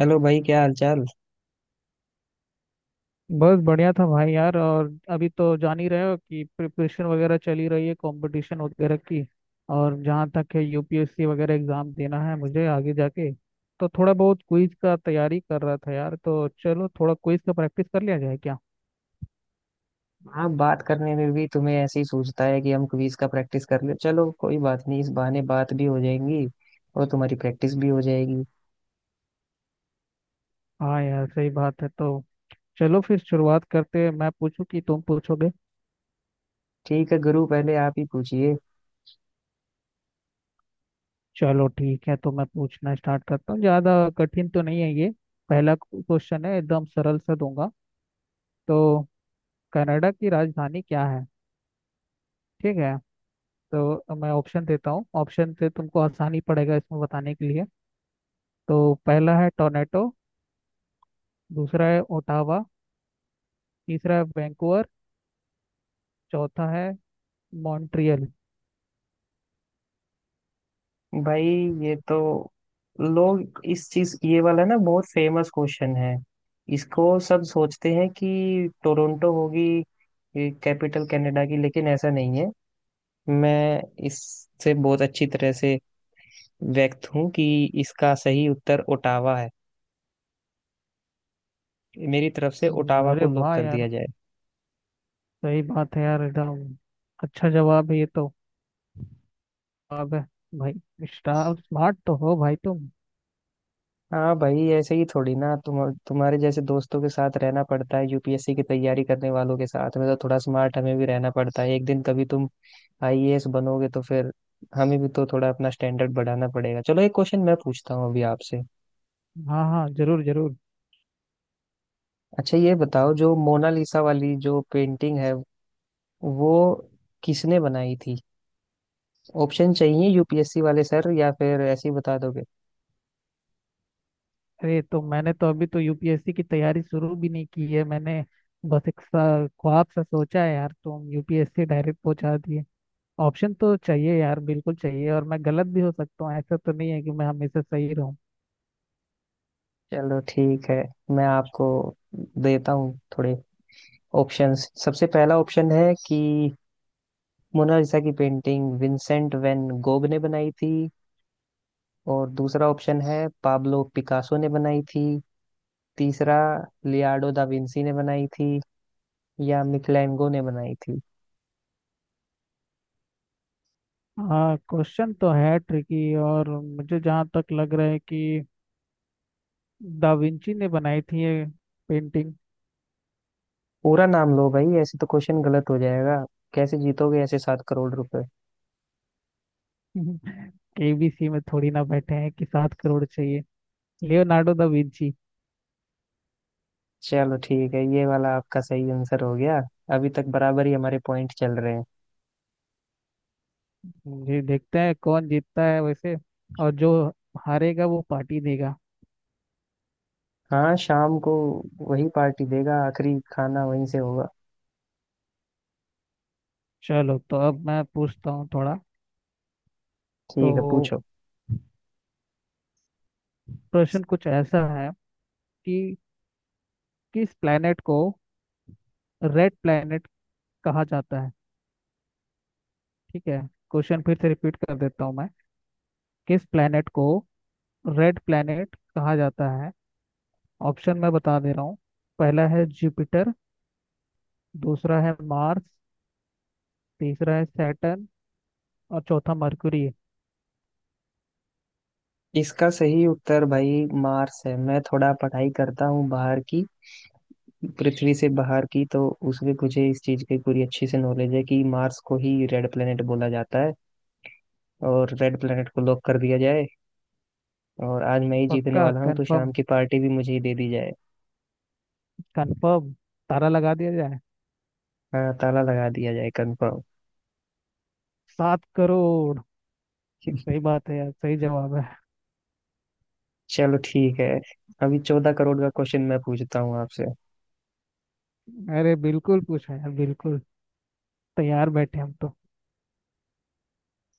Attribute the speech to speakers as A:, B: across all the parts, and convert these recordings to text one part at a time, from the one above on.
A: Hello भाई, क्या हाल चाल।
B: बस बढ़िया था भाई यार। और अभी तो जान ही रहे हो कि प्रिपरेशन वगैरह चली रही है, कंपटीशन वगैरह की। और जहाँ तक है यूपीएससी वगैरह एग्जाम देना है मुझे आगे जाके, तो थोड़ा बहुत क्विज का तैयारी कर रहा था यार। तो चलो थोड़ा क्विज का प्रैक्टिस कर लिया जाए क्या?
A: आप बात करने में भी तुम्हें ऐसे ही सूझता है कि हम क्विज का प्रैक्टिस कर ले। चलो कोई बात नहीं, इस बहाने बात भी हो जाएंगी और तुम्हारी प्रैक्टिस भी हो जाएगी।
B: हाँ यार, सही बात है। तो चलो फिर शुरुआत करते हैं। मैं पूछूं कि तुम पूछोगे?
A: ठीक है गुरु, पहले आप ही पूछिए।
B: चलो ठीक है, तो मैं पूछना स्टार्ट करता हूँ। ज़्यादा कठिन तो नहीं है ये। पहला क्वेश्चन है, एकदम सरल सा दूंगा। तो कनाडा की राजधानी क्या है? ठीक है। तो मैं ऑप्शन देता हूँ, ऑप्शन से तुमको आसानी पड़ेगा इसमें बताने के लिए। तो पहला है टोरंटो, दूसरा है ओटावा, तीसरा है वैंकूवर, चौथा है मॉन्ट्रियल।
A: भाई, ये तो लोग इस चीज, ये वाला ना, बहुत फेमस क्वेश्चन है। इसको सब सोचते हैं कि टोरंटो होगी कैपिटल कनाडा की, लेकिन ऐसा नहीं है। मैं इससे बहुत अच्छी तरह से व्यक्त हूँ कि इसका सही उत्तर ओटावा है। मेरी तरफ से ओटावा को
B: अरे
A: लॉक
B: वाह
A: कर
B: यार!
A: दिया जाए।
B: सही बात है यार, एकदम। अच्छा जवाब है ये तो। जवाब है भाई। स्मार्ट तो हो भाई तुम।
A: हाँ भाई, ऐसे ही थोड़ी ना तुम, तुम्हारे जैसे दोस्तों के साथ रहना पड़ता है, यूपीएससी की तैयारी करने वालों के साथ में, तो थोड़ा स्मार्ट हमें भी रहना पड़ता है। एक दिन कभी तुम आईएएस बनोगे तो फिर हमें भी तो थोड़ा अपना स्टैंडर्ड बढ़ाना पड़ेगा। चलो, एक क्वेश्चन मैं पूछता हूँ अभी आपसे।
B: हाँ हाँ, जरूर जरूर।
A: अच्छा ये बताओ, जो मोनालिसा वाली जो पेंटिंग है वो किसने बनाई थी? ऑप्शन चाहिए यूपीएससी वाले सर, या फिर ऐसे ही बता दोगे?
B: अरे, तो मैंने तो अभी तो यूपीएससी की तैयारी शुरू भी नहीं की है मैंने। बस ख्वाब सा सोचा है यार, तुम यूपीएससी डायरेक्ट पहुंचा दिए। ऑप्शन तो चाहिए यार, बिल्कुल चाहिए। और मैं गलत भी हो सकता हूँ, ऐसा तो नहीं है कि मैं हमेशा सही रहूँ।
A: चलो ठीक है, मैं आपको देता हूँ थोड़े ऑप्शंस। सबसे पहला ऑप्शन है कि मोनालिसा की पेंटिंग विंसेंट वैन गोग ने बनाई थी, और दूसरा ऑप्शन है पाब्लो पिकासो ने बनाई थी, तीसरा लियार्डो दा विंसी ने बनाई थी, या मिकलैंगो ने बनाई थी।
B: हाँ, क्वेश्चन तो है ट्रिकी। और मुझे जहाँ तक लग रहा है कि दा विंची ने बनाई थी ये पेंटिंग।
A: पूरा नाम लो भाई, ऐसे तो क्वेश्चन गलत हो जाएगा। कैसे जीतोगे ऐसे 7 करोड़ रुपए?
B: केबीसी में थोड़ी ना बैठे हैं कि 7 करोड़ चाहिए। Leonardo da Vinci.
A: चलो ठीक है, ये वाला आपका सही आंसर हो गया। अभी तक बराबर ही हमारे पॉइंट चल रहे हैं।
B: जी, देखते हैं कौन जीतता है वैसे। और जो हारेगा वो पार्टी देगा।
A: हाँ शाम को वही पार्टी देगा, आखिरी खाना वहीं से होगा।
B: चलो, तो अब मैं पूछता हूँ थोड़ा। तो
A: ठीक है, पूछो।
B: प्रश्न कुछ ऐसा है कि किस प्लेनेट को रेड प्लेनेट कहा जाता है? ठीक है। क्वेश्चन फिर से रिपीट कर देता हूँ मैं। किस प्लेनेट को रेड प्लेनेट कहा जाता है? ऑप्शन मैं बता दे रहा हूँ। पहला है जुपिटर, दूसरा है मार्स, तीसरा है सैटर्न, और चौथा मरकुरी है।
A: इसका सही उत्तर भाई मार्स है। मैं थोड़ा पढ़ाई करता हूँ बाहर की, पृथ्वी से बाहर की, तो उसमें मुझे इस चीज की पूरी अच्छी से नॉलेज है कि मार्स को ही रेड प्लेनेट बोला जाता है। और रेड प्लेनेट को लॉक कर दिया जाए। और आज मैं ही जीतने
B: पक्का
A: वाला हूँ, तो
B: कंफर्म,
A: शाम की पार्टी भी मुझे ही दे दी जाए।
B: कंफर्म। तारा लगा दिया जाए।
A: हाँ, ताला लगा दिया जाए कंफर्म।
B: 7 करोड़। सही बात है यार, सही जवाब है।
A: चलो ठीक है, अभी 14 करोड़ का क्वेश्चन मैं पूछता हूँ आपसे।
B: अरे बिल्कुल पूछा यार, बिल्कुल। तैयार बैठे हम तो।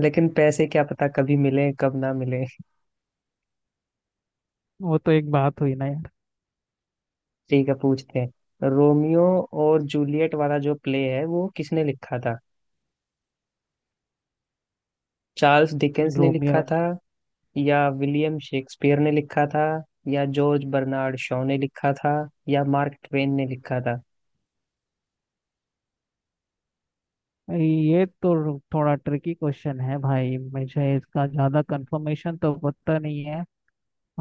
A: लेकिन पैसे क्या पता, कभी मिले कब ना मिले।
B: वो तो एक बात हुई ना यार।
A: ठीक है, पूछते हैं। रोमियो और जूलियट वाला जो प्ले है वो किसने लिखा था? चार्ल्स डिकेंस ने
B: रोमियो
A: लिखा
B: और।
A: था, या विलियम शेक्सपियर ने लिखा था, या जॉर्ज बर्नार्ड शॉ ने लिखा था, या मार्क ट्वेन ने लिखा था?
B: ये तो थोड़ा ट्रिकी क्वेश्चन है भाई, मुझे इसका ज़्यादा कंफर्मेशन तो पता नहीं है।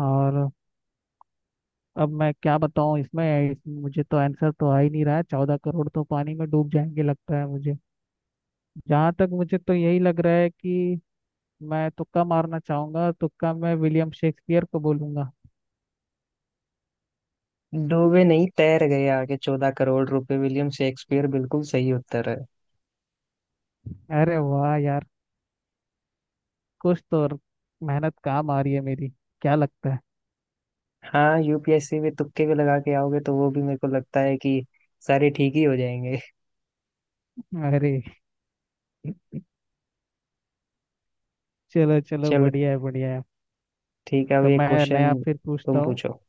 B: और अब मैं क्या बताऊँ इसमें मुझे तो आंसर तो आ ही नहीं रहा है, 14 करोड़ तो पानी में डूब जाएंगे लगता है मुझे। जहाँ तक मुझे तो यही लग रहा है कि मैं तुक्का मारना चाहूंगा, तुक्का मैं विलियम शेक्सपियर को बोलूंगा।
A: डूबे नहीं, तैर गए आगे। 14 करोड़ रुपए, विलियम शेक्सपियर बिल्कुल सही उत्तर है।
B: अरे वाह यार! कुछ तो मेहनत काम आ रही है मेरी। क्या लगता है?
A: हाँ, यूपीएससी में तुक्के भी लगा के आओगे तो वो भी मेरे को लगता है कि सारे ठीक ही हो जाएंगे।
B: अरे, चलो चलो,
A: चलो
B: बढ़िया है बढ़िया है।
A: ठीक है, अब
B: तो
A: एक
B: मैं नया
A: क्वेश्चन।
B: फिर पूछता
A: तुम
B: हूँ।
A: पूछो,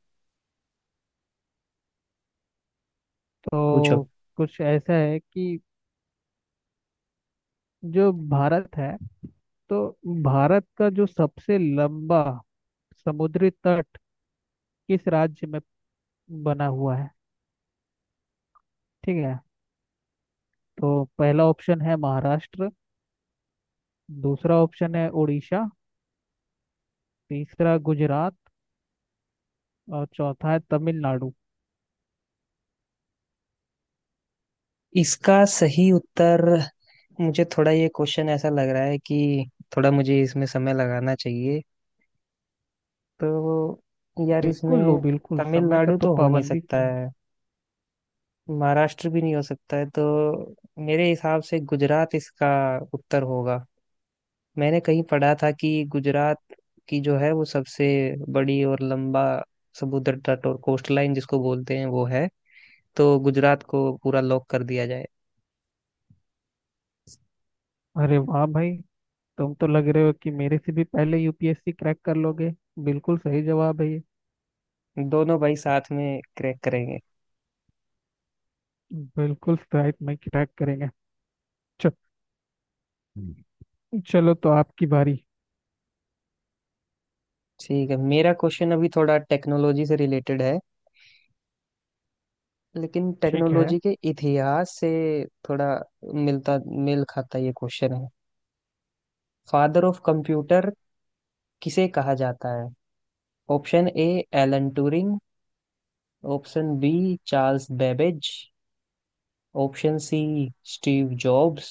A: पूछो।
B: तो कुछ ऐसा है कि जो भारत है, तो भारत का जो सबसे लंबा समुद्री तट किस राज्य में बना हुआ है? ठीक है। तो पहला ऑप्शन है महाराष्ट्र, दूसरा ऑप्शन है उड़ीसा, तीसरा गुजरात, और चौथा है तमिलनाडु।
A: इसका सही उत्तर, मुझे थोड़ा ये क्वेश्चन ऐसा लग रहा है कि थोड़ा मुझे इसमें समय लगाना चाहिए। तो यार,
B: बिल्कुल लो,
A: इसमें
B: बिल्कुल समय का
A: तमिलनाडु
B: तो
A: तो हो नहीं
B: पाबंदी
A: सकता
B: नहीं।
A: है, महाराष्ट्र भी नहीं हो सकता है, तो मेरे हिसाब से गुजरात इसका उत्तर होगा। मैंने कहीं पढ़ा था कि गुजरात की जो है वो सबसे बड़ी और लंबा समुद्र तट और कोस्ट लाइन जिसको बोलते हैं वो है। तो गुजरात को पूरा लॉक कर दिया जाए।
B: अरे वाह भाई! तुम तो लग रहे हो कि मेरे से भी पहले यूपीएससी क्रैक कर लोगे। बिल्कुल सही जवाब है ये।
A: दोनों भाई साथ में क्रैक करेंगे।
B: बिल्कुल, शायद मैं क्रैक करेंगे। चलो। चलो तो आपकी बारी।
A: ठीक है, मेरा क्वेश्चन अभी थोड़ा टेक्नोलॉजी से रिलेटेड है, लेकिन
B: ठीक है।
A: टेक्नोलॉजी के इतिहास से थोड़ा मिलता, मेल खाता ये क्वेश्चन है। फादर ऑफ कंप्यूटर किसे कहा जाता है? Option A, Alan Turing. Option B, Charles Babbage. Option C, Steve Jobs.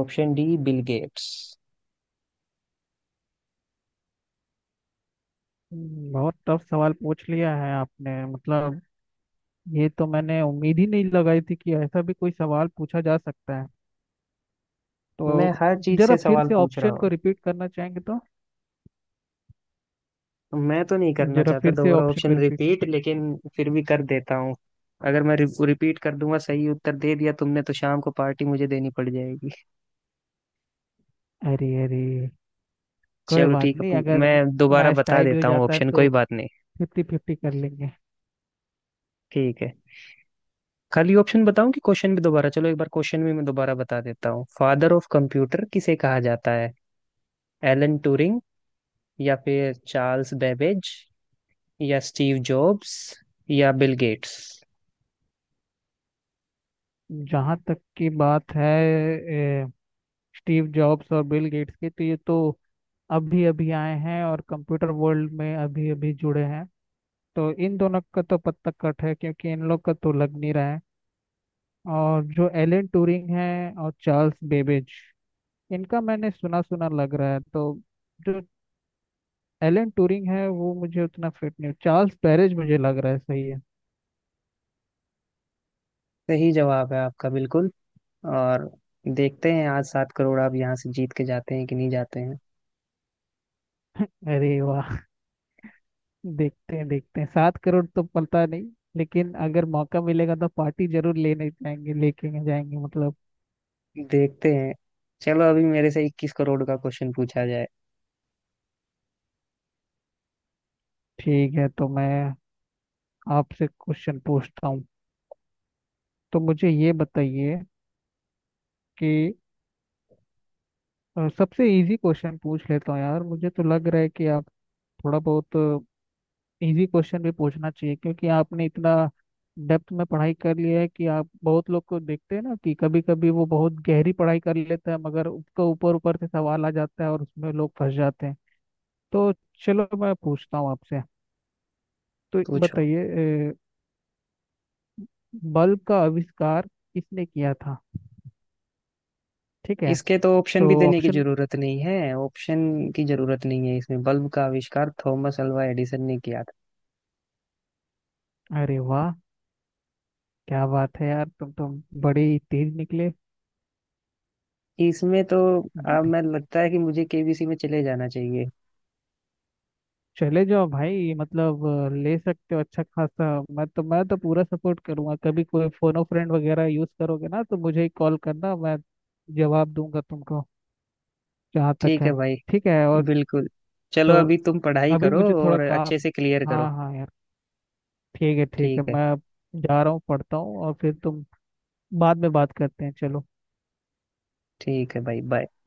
A: Option D, Bill gets.
B: बहुत टफ सवाल पूछ लिया है आपने मतलब। ये तो मैंने उम्मीद ही नहीं लगाई थी कि ऐसा भी कोई सवाल पूछा जा सकता है।
A: मैं
B: तो
A: हर चीज
B: जरा
A: से
B: फिर
A: सवाल
B: से
A: पूछ रहा
B: ऑप्शन को
A: हूँ।
B: रिपीट करना चाहेंगे तो।
A: मैं तो नहीं करना
B: जरा
A: चाहता
B: फिर से
A: दोबारा
B: ऑप्शन को
A: ऑप्शन
B: रिपीट।
A: रिपीट, लेकिन फिर भी कर देता हूँ। अगर मैं रिपीट कर दूंगा, सही उत्तर दे दिया तुमने तो शाम को पार्टी मुझे देनी पड़ जाएगी।
B: अरे अरे, कोई
A: चलो
B: बात
A: ठीक है,
B: नहीं। अगर
A: मैं दोबारा
B: मैच
A: बता
B: टाई भी हो
A: देता हूँ
B: जाता है
A: ऑप्शन। कोई
B: तो
A: बात नहीं।
B: 50-50 कर लेंगे।
A: ठीक है, खाली ऑप्शन बताऊं कि क्वेश्चन भी दोबारा? चलो एक बार क्वेश्चन भी मैं दोबारा बता देता हूँ। फादर ऑफ कंप्यूटर किसे कहा जाता है? एलन ट्यूरिंग, या फिर चार्ल्स बेबेज, या स्टीव जॉब्स, या बिल गेट्स?
B: जहाँ तक की बात है स्टीव जॉब्स और बिल गेट्स की, तो ये तो अभी अभी आए हैं और कंप्यूटर वर्ल्ड में अभी अभी जुड़े हैं। तो इन दोनों का तो पत्ता कट है, क्योंकि इन लोग का तो लग नहीं रहा है। और जो एलन ट्यूरिंग है और चार्ल्स बेबेज, इनका मैंने सुना सुना लग रहा है। तो जो एलन ट्यूरिंग है वो मुझे उतना फिट नहीं, चार्ल्स बैबेज मुझे लग रहा है सही है।
A: सही जवाब है आपका बिल्कुल। और देखते हैं आज 7 करोड़ आप यहाँ से जीत के जाते हैं कि नहीं जाते हैं।
B: अरे वाह! देखते हैं, देखते हैं। 7 करोड़ तो पता नहीं, लेकिन अगर मौका मिलेगा तो पार्टी जरूर लेने जाएंगे, लेके जाएंगे मतलब।
A: देखते हैं। चलो, अभी मेरे से 21 करोड़ का क्वेश्चन पूछा जाए।
B: ठीक है, तो मैं आपसे क्वेश्चन पूछता हूँ। तो मुझे ये बताइए कि सबसे इजी क्वेश्चन पूछ लेता हूँ यार। मुझे तो लग रहा है कि आप थोड़ा बहुत इजी क्वेश्चन भी पूछना चाहिए, क्योंकि आपने इतना डेप्थ में पढ़ाई कर लिया है कि आप। बहुत लोग को देखते हैं ना कि कभी कभी वो बहुत गहरी पढ़ाई कर लेते हैं, मगर उसका ऊपर ऊपर से सवाल आ जाता है और उसमें लोग फंस जाते हैं। तो चलो मैं पूछता हूँ आपसे। तो
A: पूछो।
B: बताइए बल्ब का आविष्कार किसने किया था? ठीक है।
A: इसके तो ऑप्शन
B: तो
A: भी देने की
B: ऑप्शन।
A: जरूरत नहीं है। ऑप्शन की जरूरत नहीं है इसमें। बल्ब का आविष्कार थॉमस अल्वा एडिसन ने किया था।
B: अरे वाह! क्या बात है यार! तुम बड़े ही तेज निकले।
A: इसमें तो, अब
B: बड़े।
A: मैं लगता है कि मुझे केबीसी में चले जाना चाहिए।
B: चले जाओ भाई, मतलब ले सकते हो अच्छा खासा। मैं तो पूरा सपोर्ट करूंगा। कभी कोई फोनो फ्रेंड वगैरह यूज करोगे ना तो मुझे ही कॉल करना, मैं जवाब दूंगा तुमको। जहाँ तक
A: ठीक है
B: है,
A: भाई,
B: ठीक है। और
A: बिल्कुल। चलो
B: तो
A: अभी तुम पढ़ाई
B: अभी
A: करो
B: मुझे थोड़ा
A: और अच्छे
B: काम।
A: से क्लियर करो।
B: हाँ हाँ यार, ठीक है ठीक है।
A: ठीक है,
B: मैं जा रहा हूँ, पढ़ता हूँ, और फिर तुम बाद में बात करते हैं। चलो।
A: ठीक है भाई, बाय।